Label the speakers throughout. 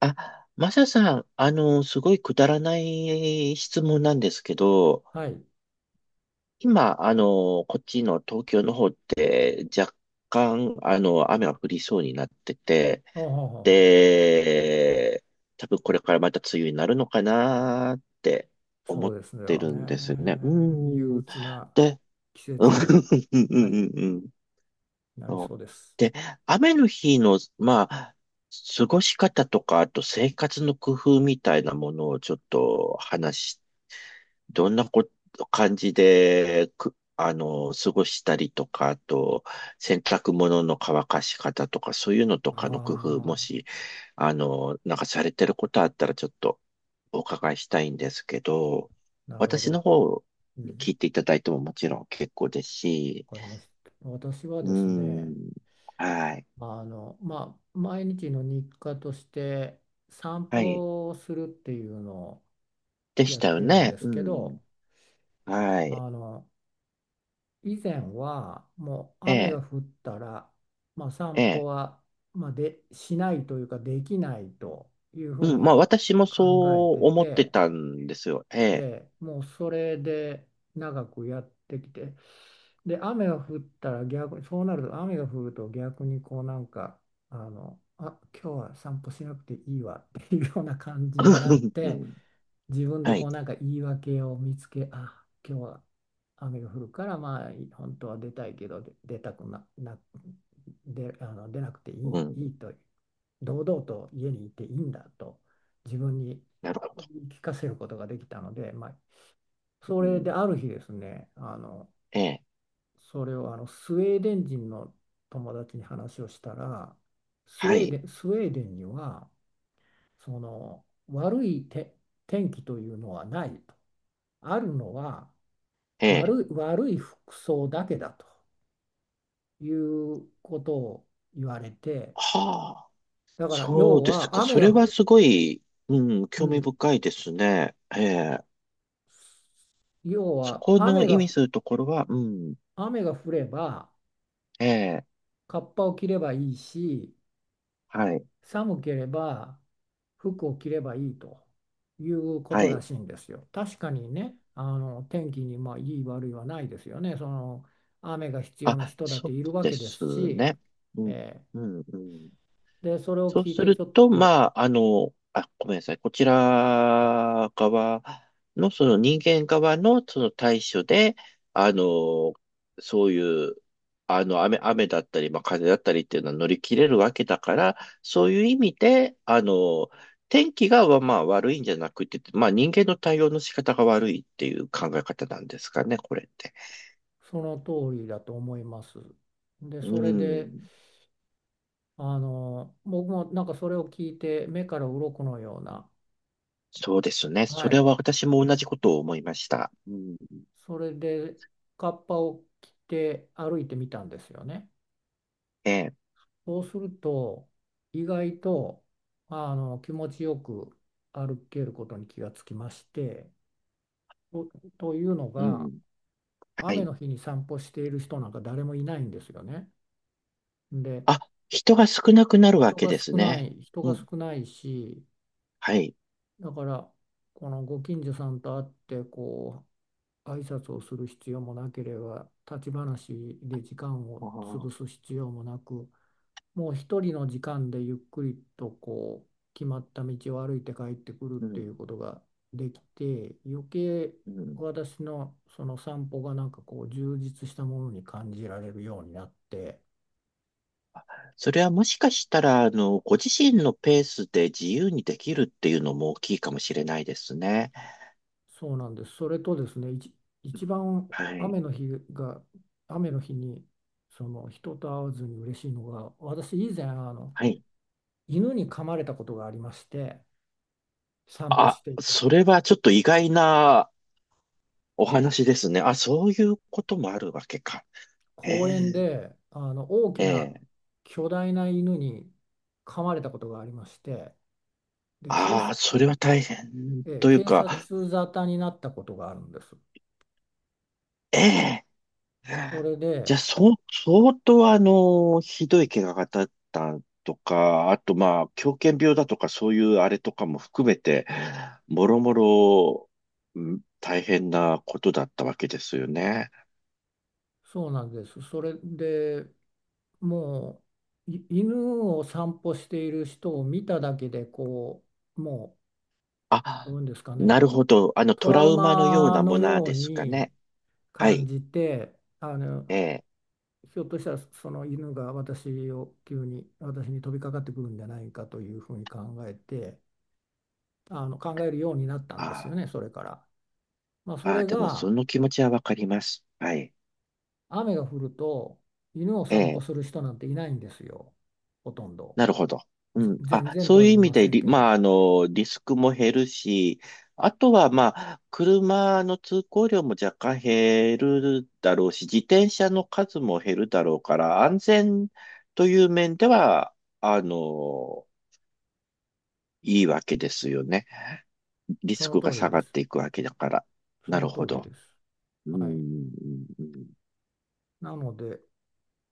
Speaker 1: マサさん、すごいくだらない質問なんですけど、
Speaker 2: はい。
Speaker 1: 今、こっちの東京の方って若干、雨が降りそうになってて、
Speaker 2: ほうほうほうほう。
Speaker 1: で、多分これからまた梅雨になるのかなって思
Speaker 2: そう
Speaker 1: っ
Speaker 2: です
Speaker 1: て
Speaker 2: よ
Speaker 1: る
Speaker 2: ね。
Speaker 1: んですね。う
Speaker 2: 憂
Speaker 1: ん。
Speaker 2: 鬱な
Speaker 1: で、
Speaker 2: 季
Speaker 1: うん、う
Speaker 2: 節に、
Speaker 1: ん、う
Speaker 2: はい、
Speaker 1: ん、うん。
Speaker 2: なり
Speaker 1: そう
Speaker 2: そうです。
Speaker 1: で、雨の日の、まあ、過ごし方とか、あと生活の工夫みたいなものをちょっと話し、どんなこ、感じで、く、過ごしたりとか、あと、洗濯物の乾かし方とか、そういうのと
Speaker 2: あ
Speaker 1: かの工夫、も
Speaker 2: あ、
Speaker 1: し、なんかされてることあったら、ちょっとお伺いしたいんですけど、
Speaker 2: なるほ
Speaker 1: 私の
Speaker 2: ど。
Speaker 1: 方、
Speaker 2: う
Speaker 1: 聞い
Speaker 2: ん、
Speaker 1: ていただいてももちろん結構ですし、
Speaker 2: わかりました。私は
Speaker 1: う
Speaker 2: ですね、
Speaker 1: ん、はい。
Speaker 2: まあ、毎日の日課として散
Speaker 1: はい。
Speaker 2: 歩をするっていうのを
Speaker 1: でし
Speaker 2: やっ
Speaker 1: たよ
Speaker 2: てるん
Speaker 1: ね。
Speaker 2: で
Speaker 1: う
Speaker 2: すけど、
Speaker 1: ん。はい。
Speaker 2: あの、以前はもう
Speaker 1: え
Speaker 2: 雨が
Speaker 1: え、
Speaker 2: 降ったら、まあ、
Speaker 1: え
Speaker 2: 散歩
Speaker 1: え。
Speaker 2: は、まあ、でしないというかできないというふう
Speaker 1: うん。ま
Speaker 2: に
Speaker 1: あ、私もそ
Speaker 2: 考えて
Speaker 1: う思って
Speaker 2: て、
Speaker 1: たんですよ。え
Speaker 2: え
Speaker 1: え。
Speaker 2: え、もうそれで長くやってきて、で雨が降ったら逆に、そうなると雨が降ると逆にこうなんか、今日は散歩しなくていいわっていうような感じになっ
Speaker 1: う
Speaker 2: て。
Speaker 1: ん。
Speaker 2: 自分で
Speaker 1: は
Speaker 2: こ
Speaker 1: い。
Speaker 2: うなんか言い訳を見つけ、あ、今日は雨が降るから、まあ本当は出たいけど、で、出なくてい
Speaker 1: う
Speaker 2: い、
Speaker 1: ん。
Speaker 2: いいと、堂々と家にいていいんだと自分に
Speaker 1: なるほど。
Speaker 2: 言い聞かせることができたので、まあ、そ
Speaker 1: う
Speaker 2: れで
Speaker 1: ん。
Speaker 2: ある日ですね、
Speaker 1: ええ。
Speaker 2: それをあのスウェーデン人の友達に話をしたら、スウ
Speaker 1: は
Speaker 2: ェー
Speaker 1: い。
Speaker 2: デン、スウェーデンには、その悪い天気というのはないと。あるのは
Speaker 1: ええ。
Speaker 2: 悪い服装だけだということを言われて、
Speaker 1: はあ。
Speaker 2: だから
Speaker 1: そうですか。それはすごい、うん、
Speaker 2: う
Speaker 1: 興味
Speaker 2: ん、
Speaker 1: 深いですね。ええ。
Speaker 2: 要
Speaker 1: そ
Speaker 2: は
Speaker 1: この
Speaker 2: 雨
Speaker 1: 意
Speaker 2: が、
Speaker 1: 味するところは、うん。
Speaker 2: 雨が降れば
Speaker 1: ええ。
Speaker 2: カッパを着ればいいし、
Speaker 1: はい。
Speaker 2: 寒ければ服を着ればいいというこ
Speaker 1: は
Speaker 2: とら
Speaker 1: い。
Speaker 2: しいんですよ。確かにね、あの天気にまあいい悪いはないですよね。その雨が必要な
Speaker 1: あ、
Speaker 2: 人だっ
Speaker 1: そ
Speaker 2: て
Speaker 1: う
Speaker 2: いるわ
Speaker 1: で
Speaker 2: けです
Speaker 1: す
Speaker 2: し、
Speaker 1: ね。うん。
Speaker 2: え
Speaker 1: うん。うん。
Speaker 2: で、それを
Speaker 1: そう
Speaker 2: 聞い
Speaker 1: す
Speaker 2: てち
Speaker 1: る
Speaker 2: ょっ
Speaker 1: と、
Speaker 2: と、
Speaker 1: まあ、あ、ごめんなさい。こちら側の、その人間側のその対処で、あの、そういう、雨だったり、まあ、風だったりっていうのは乗り切れるわけだから、そういう意味で、天気が、まあ、悪いんじゃなくて、まあ、人間の対応の仕方が悪いっていう考え方なんですかね、これって。
Speaker 2: その通りだと思います。で、
Speaker 1: う
Speaker 2: それで、
Speaker 1: ん。
Speaker 2: 僕もなんかそれを聞いて、目から鱗のような、
Speaker 1: そうですね。
Speaker 2: は
Speaker 1: それ
Speaker 2: い、
Speaker 1: は私も同じことを思いました。うん。
Speaker 2: それで、カッパを着て歩いてみたんですよね。
Speaker 1: ええ。
Speaker 2: そうすると、意外と、気持ちよく歩けることに気がつきまして、と、というの
Speaker 1: う
Speaker 2: が、
Speaker 1: ん。は
Speaker 2: 雨
Speaker 1: い。
Speaker 2: の日に散歩している人なんか誰もいないんですよね。で、
Speaker 1: あ、人が少なくなるわ
Speaker 2: 人
Speaker 1: け
Speaker 2: が
Speaker 1: です
Speaker 2: 少な
Speaker 1: ね。
Speaker 2: い、人
Speaker 1: う
Speaker 2: が
Speaker 1: ん。
Speaker 2: 少ないし、
Speaker 1: はい。
Speaker 2: だからこのご近所さんと会ってこう挨拶をする必要もなければ、立ち話で時間を
Speaker 1: あ
Speaker 2: 潰
Speaker 1: あ、
Speaker 2: す必要もなく、もう一人の時間でゆっくりとこう決まった道を歩いて帰ってくるっ
Speaker 1: う
Speaker 2: て
Speaker 1: ん。
Speaker 2: いうことができて、余計
Speaker 1: うん。
Speaker 2: 私のその散歩がなんかこう充実したものに感じられるようになって。
Speaker 1: それはもしかしたら、ご自身のペースで自由にできるっていうのも大きいかもしれないですね。
Speaker 2: そうなんです。それとですね、一番、
Speaker 1: はい。
Speaker 2: 雨の日が、雨の日にその人と会わずに嬉しいのが、私以前あの
Speaker 1: はい。
Speaker 2: 犬に噛まれたことがありまして、散歩
Speaker 1: あ、
Speaker 2: していて、
Speaker 1: それはちょっと意外なお話ですね。あ、そういうこともあるわけか。え
Speaker 2: 公園
Speaker 1: え
Speaker 2: であの大きな
Speaker 1: ええ
Speaker 2: 巨大な犬に噛まれたことがありまして、で、
Speaker 1: ああ、それは大変という
Speaker 2: 警
Speaker 1: か、
Speaker 2: 察沙汰になったことがあるんです。
Speaker 1: ええ
Speaker 2: それ
Speaker 1: じゃ
Speaker 2: で、
Speaker 1: あ、そう、相当ひどい怪我がだったとか、あとまあ、狂犬病だとか、そういうあれとかも含めて、もろもろ、うん大変なことだったわけですよね。
Speaker 2: そうなんです。それで、もう、犬を散歩している人を見ただけでこう、もう、ど
Speaker 1: あ、
Speaker 2: ういうんですか
Speaker 1: な
Speaker 2: ね、
Speaker 1: るほど。
Speaker 2: ト
Speaker 1: ト
Speaker 2: ラ
Speaker 1: ラ
Speaker 2: ウ
Speaker 1: ウマのよう
Speaker 2: マ
Speaker 1: なも
Speaker 2: の
Speaker 1: の
Speaker 2: よう
Speaker 1: ですか
Speaker 2: に
Speaker 1: ね。は
Speaker 2: 感
Speaker 1: い。
Speaker 2: じて、あの
Speaker 1: ええ。
Speaker 2: ひょっとしたらその犬が私に飛びかかってくるんじゃないかというふうに考えてあの考えるようになったんですよ
Speaker 1: あ
Speaker 2: ね、それから。まあ、
Speaker 1: あ、
Speaker 2: そ
Speaker 1: ああ
Speaker 2: れ
Speaker 1: でもそ
Speaker 2: が、
Speaker 1: の気持ちはわかります。はい。
Speaker 2: 雨が降ると犬を
Speaker 1: え
Speaker 2: 散歩
Speaker 1: え。
Speaker 2: する人なんていないんですよ、ほとんど。
Speaker 1: なるほど。うん。
Speaker 2: 全
Speaker 1: あ、
Speaker 2: 然
Speaker 1: そ
Speaker 2: と
Speaker 1: う
Speaker 2: は
Speaker 1: いう
Speaker 2: 言
Speaker 1: 意
Speaker 2: い
Speaker 1: 味
Speaker 2: ませ
Speaker 1: で
Speaker 2: ん
Speaker 1: リ、
Speaker 2: け
Speaker 1: ま
Speaker 2: ど。
Speaker 1: あ、リスクも減るし、あとは、まあ、車の通行量も若干減るだろうし、自転車の数も減るだろうから、安全という面では、あの、いいわけですよね。リ
Speaker 2: そ
Speaker 1: ス
Speaker 2: の
Speaker 1: クが
Speaker 2: 通り
Speaker 1: 下が
Speaker 2: で
Speaker 1: っ
Speaker 2: す。
Speaker 1: ていくわけだから。な
Speaker 2: その
Speaker 1: る
Speaker 2: 通
Speaker 1: ほ
Speaker 2: り
Speaker 1: ど。
Speaker 2: です。
Speaker 1: うん。う
Speaker 2: はい。
Speaker 1: んうん
Speaker 2: なので、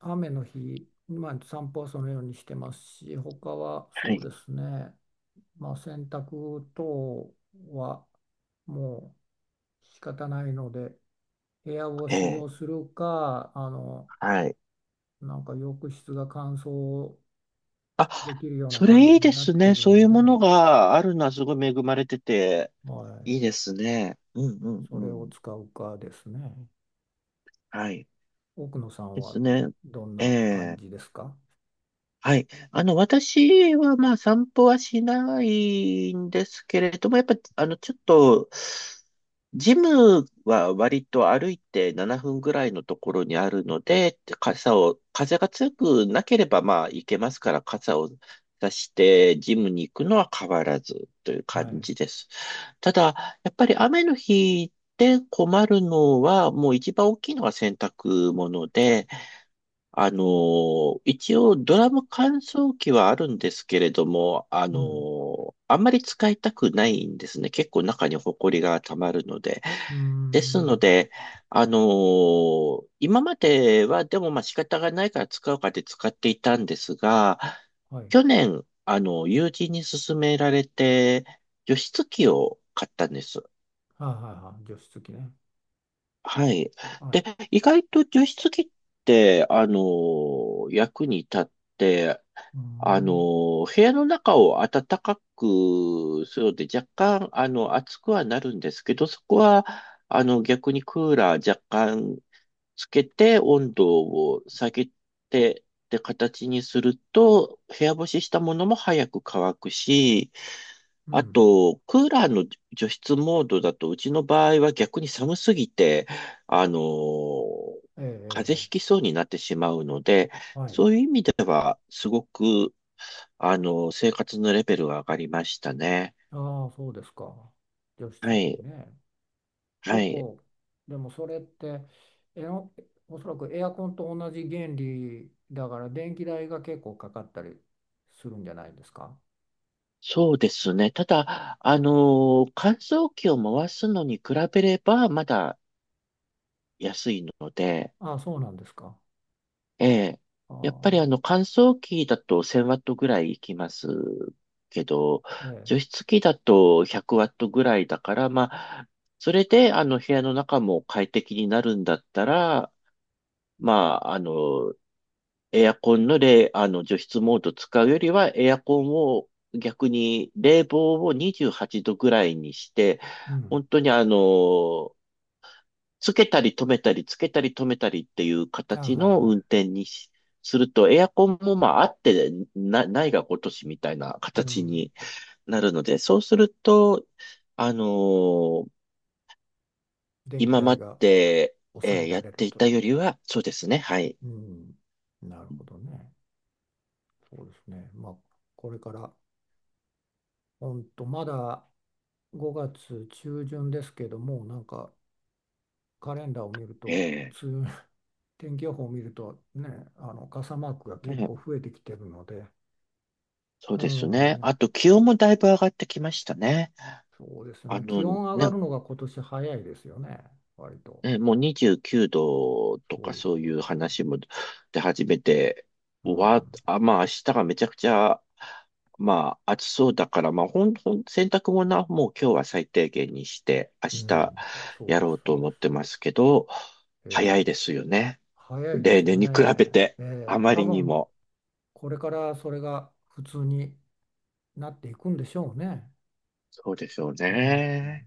Speaker 2: 雨の日、まあ、散歩はそのようにしてますし、他は
Speaker 1: は
Speaker 2: そう
Speaker 1: い。
Speaker 2: ですね、まあ、洗濯等はもう仕方ないので、部屋干
Speaker 1: え
Speaker 2: し
Speaker 1: え、
Speaker 2: をするか、
Speaker 1: はい。
Speaker 2: なんか浴室が乾燥
Speaker 1: あ、
Speaker 2: できるような
Speaker 1: そ
Speaker 2: 感
Speaker 1: れい
Speaker 2: じ
Speaker 1: い
Speaker 2: に
Speaker 1: で
Speaker 2: なっ
Speaker 1: す
Speaker 2: てい
Speaker 1: ね。
Speaker 2: る
Speaker 1: そうい
Speaker 2: の
Speaker 1: うも
Speaker 2: で、
Speaker 1: のがあるのはすごい恵まれてて、
Speaker 2: はい、
Speaker 1: いいですね。うんうん
Speaker 2: そ
Speaker 1: う
Speaker 2: れを
Speaker 1: ん。
Speaker 2: 使うかですね。
Speaker 1: はい。
Speaker 2: 奥野さん
Speaker 1: で
Speaker 2: は
Speaker 1: すね。
Speaker 2: どん
Speaker 1: え
Speaker 2: な感
Speaker 1: え。
Speaker 2: じですか？
Speaker 1: はい。私はまあ散歩はしないんですけれども、やっぱ、ちょっと、ジムは割と歩いて7分ぐらいのところにあるので、傘を、風が強くなければまあ行けますから、傘を出してジムに行くのは変わらずという感
Speaker 2: はい。
Speaker 1: じです。ただ、やっぱり雨の日で困るのは、もう一番大きいのは洗濯物で、一応ドラム乾燥機はあるんですけれども、
Speaker 2: うん。
Speaker 1: あんまり使いたくないんですね。結構中にホコリが溜まるので。
Speaker 2: うー
Speaker 1: です
Speaker 2: ん。
Speaker 1: ので、今まではでもまあ仕方がないから使うかで使っていたんですが、
Speaker 2: はい。
Speaker 1: 去年、友人に勧められて、除湿機を買ったんです。
Speaker 2: はいはいはい。除湿機ね。
Speaker 1: はい。
Speaker 2: はい。
Speaker 1: で、意外と除湿機って、役に立って、
Speaker 2: うーん。
Speaker 1: 部屋の中を暖かくするので、若干、暑くはなるんですけど、そこは、逆にクーラー若干つけて、温度を下げて、って形にすると、部屋干ししたものも早く乾くし、
Speaker 2: う
Speaker 1: あ
Speaker 2: ん。
Speaker 1: と、クーラーの除湿モードだと、うちの場合は逆に寒すぎて、あのー
Speaker 2: ええ、
Speaker 1: 風
Speaker 2: え
Speaker 1: 邪
Speaker 2: え、
Speaker 1: ひ
Speaker 2: え
Speaker 1: きそうになってしまうので、
Speaker 2: え、はい。
Speaker 1: そういう意味では、すごく、生活のレベルが上がりましたね。
Speaker 2: ああ、そうですか。除湿
Speaker 1: は
Speaker 2: 機
Speaker 1: い、
Speaker 2: ね。
Speaker 1: は
Speaker 2: 結
Speaker 1: い。
Speaker 2: 構、でもそれって、えの、おそらくエアコンと同じ原理だから、電気代が結構かかったりするんじゃないですか。
Speaker 1: そうですね。ただ、乾燥機を回すのに比べれば、まだ安いので、
Speaker 2: ああ、そうなんですか。
Speaker 1: ええ。
Speaker 2: あ
Speaker 1: やっ
Speaker 2: あ、
Speaker 1: ぱりあの乾燥機だと1,000ワットぐらいいきますけど、
Speaker 2: ええ。
Speaker 1: 除湿機だと100ワットぐらいだから、まあ、それであの部屋の中も快適になるんだったら、まあ、エアコンの冷、あの除湿モード使うよりは、エアコンを逆に冷房を28度ぐらいにして、
Speaker 2: うん。
Speaker 1: 本当につけたり止めたりっていう
Speaker 2: ああ、
Speaker 1: 形
Speaker 2: はい
Speaker 1: の運
Speaker 2: は
Speaker 1: 転にしすると、エアコンもまああってな、ないがごとしみたいな
Speaker 2: い。う
Speaker 1: 形
Speaker 2: ん。
Speaker 1: になるので、そうすると、あのー
Speaker 2: 電気
Speaker 1: 今
Speaker 2: 代
Speaker 1: ま
Speaker 2: が
Speaker 1: で、
Speaker 2: 抑えら
Speaker 1: やっ
Speaker 2: れる
Speaker 1: てい
Speaker 2: と
Speaker 1: た
Speaker 2: いう。
Speaker 1: よりは、そうですね、はい。
Speaker 2: うん。なるほどね。そうですね。まあ、これから、ほんと、まだ5月中旬ですけども、なんかカレンダーを見ると、
Speaker 1: え
Speaker 2: 梅雨 天気予報を見ると、ね、あの傘マークが結
Speaker 1: ね、
Speaker 2: 構増えてきてるので、
Speaker 1: そう
Speaker 2: う
Speaker 1: です
Speaker 2: ん、い
Speaker 1: ね。
Speaker 2: や、
Speaker 1: あと気温もだいぶ上がってきましたね。
Speaker 2: そうですよね。気温上が
Speaker 1: ね、
Speaker 2: るのが今年早いですよね、割と。
Speaker 1: ね、もう29度と
Speaker 2: そう
Speaker 1: か
Speaker 2: です、
Speaker 1: そう
Speaker 2: そ
Speaker 1: い
Speaker 2: う
Speaker 1: う
Speaker 2: です。
Speaker 1: 話も出始めて、
Speaker 2: う
Speaker 1: わ、
Speaker 2: ん、
Speaker 1: あ、まあ明日がめちゃくちゃ、まあ暑そうだから、まあほん、ほん、洗濯物はもう今日は最低限にして、明
Speaker 2: う
Speaker 1: 日
Speaker 2: ん、そう
Speaker 1: や
Speaker 2: です、
Speaker 1: ろう
Speaker 2: そ
Speaker 1: と
Speaker 2: うで
Speaker 1: 思
Speaker 2: す。
Speaker 1: ってますけど、
Speaker 2: え
Speaker 1: 早い
Speaker 2: え、
Speaker 1: ですよね。
Speaker 2: 早いで
Speaker 1: 例
Speaker 2: すよ
Speaker 1: 年に
Speaker 2: ね。
Speaker 1: 比べて、
Speaker 2: え
Speaker 1: あ
Speaker 2: え、
Speaker 1: ま
Speaker 2: 多
Speaker 1: りに
Speaker 2: 分
Speaker 1: も。
Speaker 2: これからそれが普通になっていくんでしょうね。
Speaker 1: そうでしょう
Speaker 2: うん
Speaker 1: ね。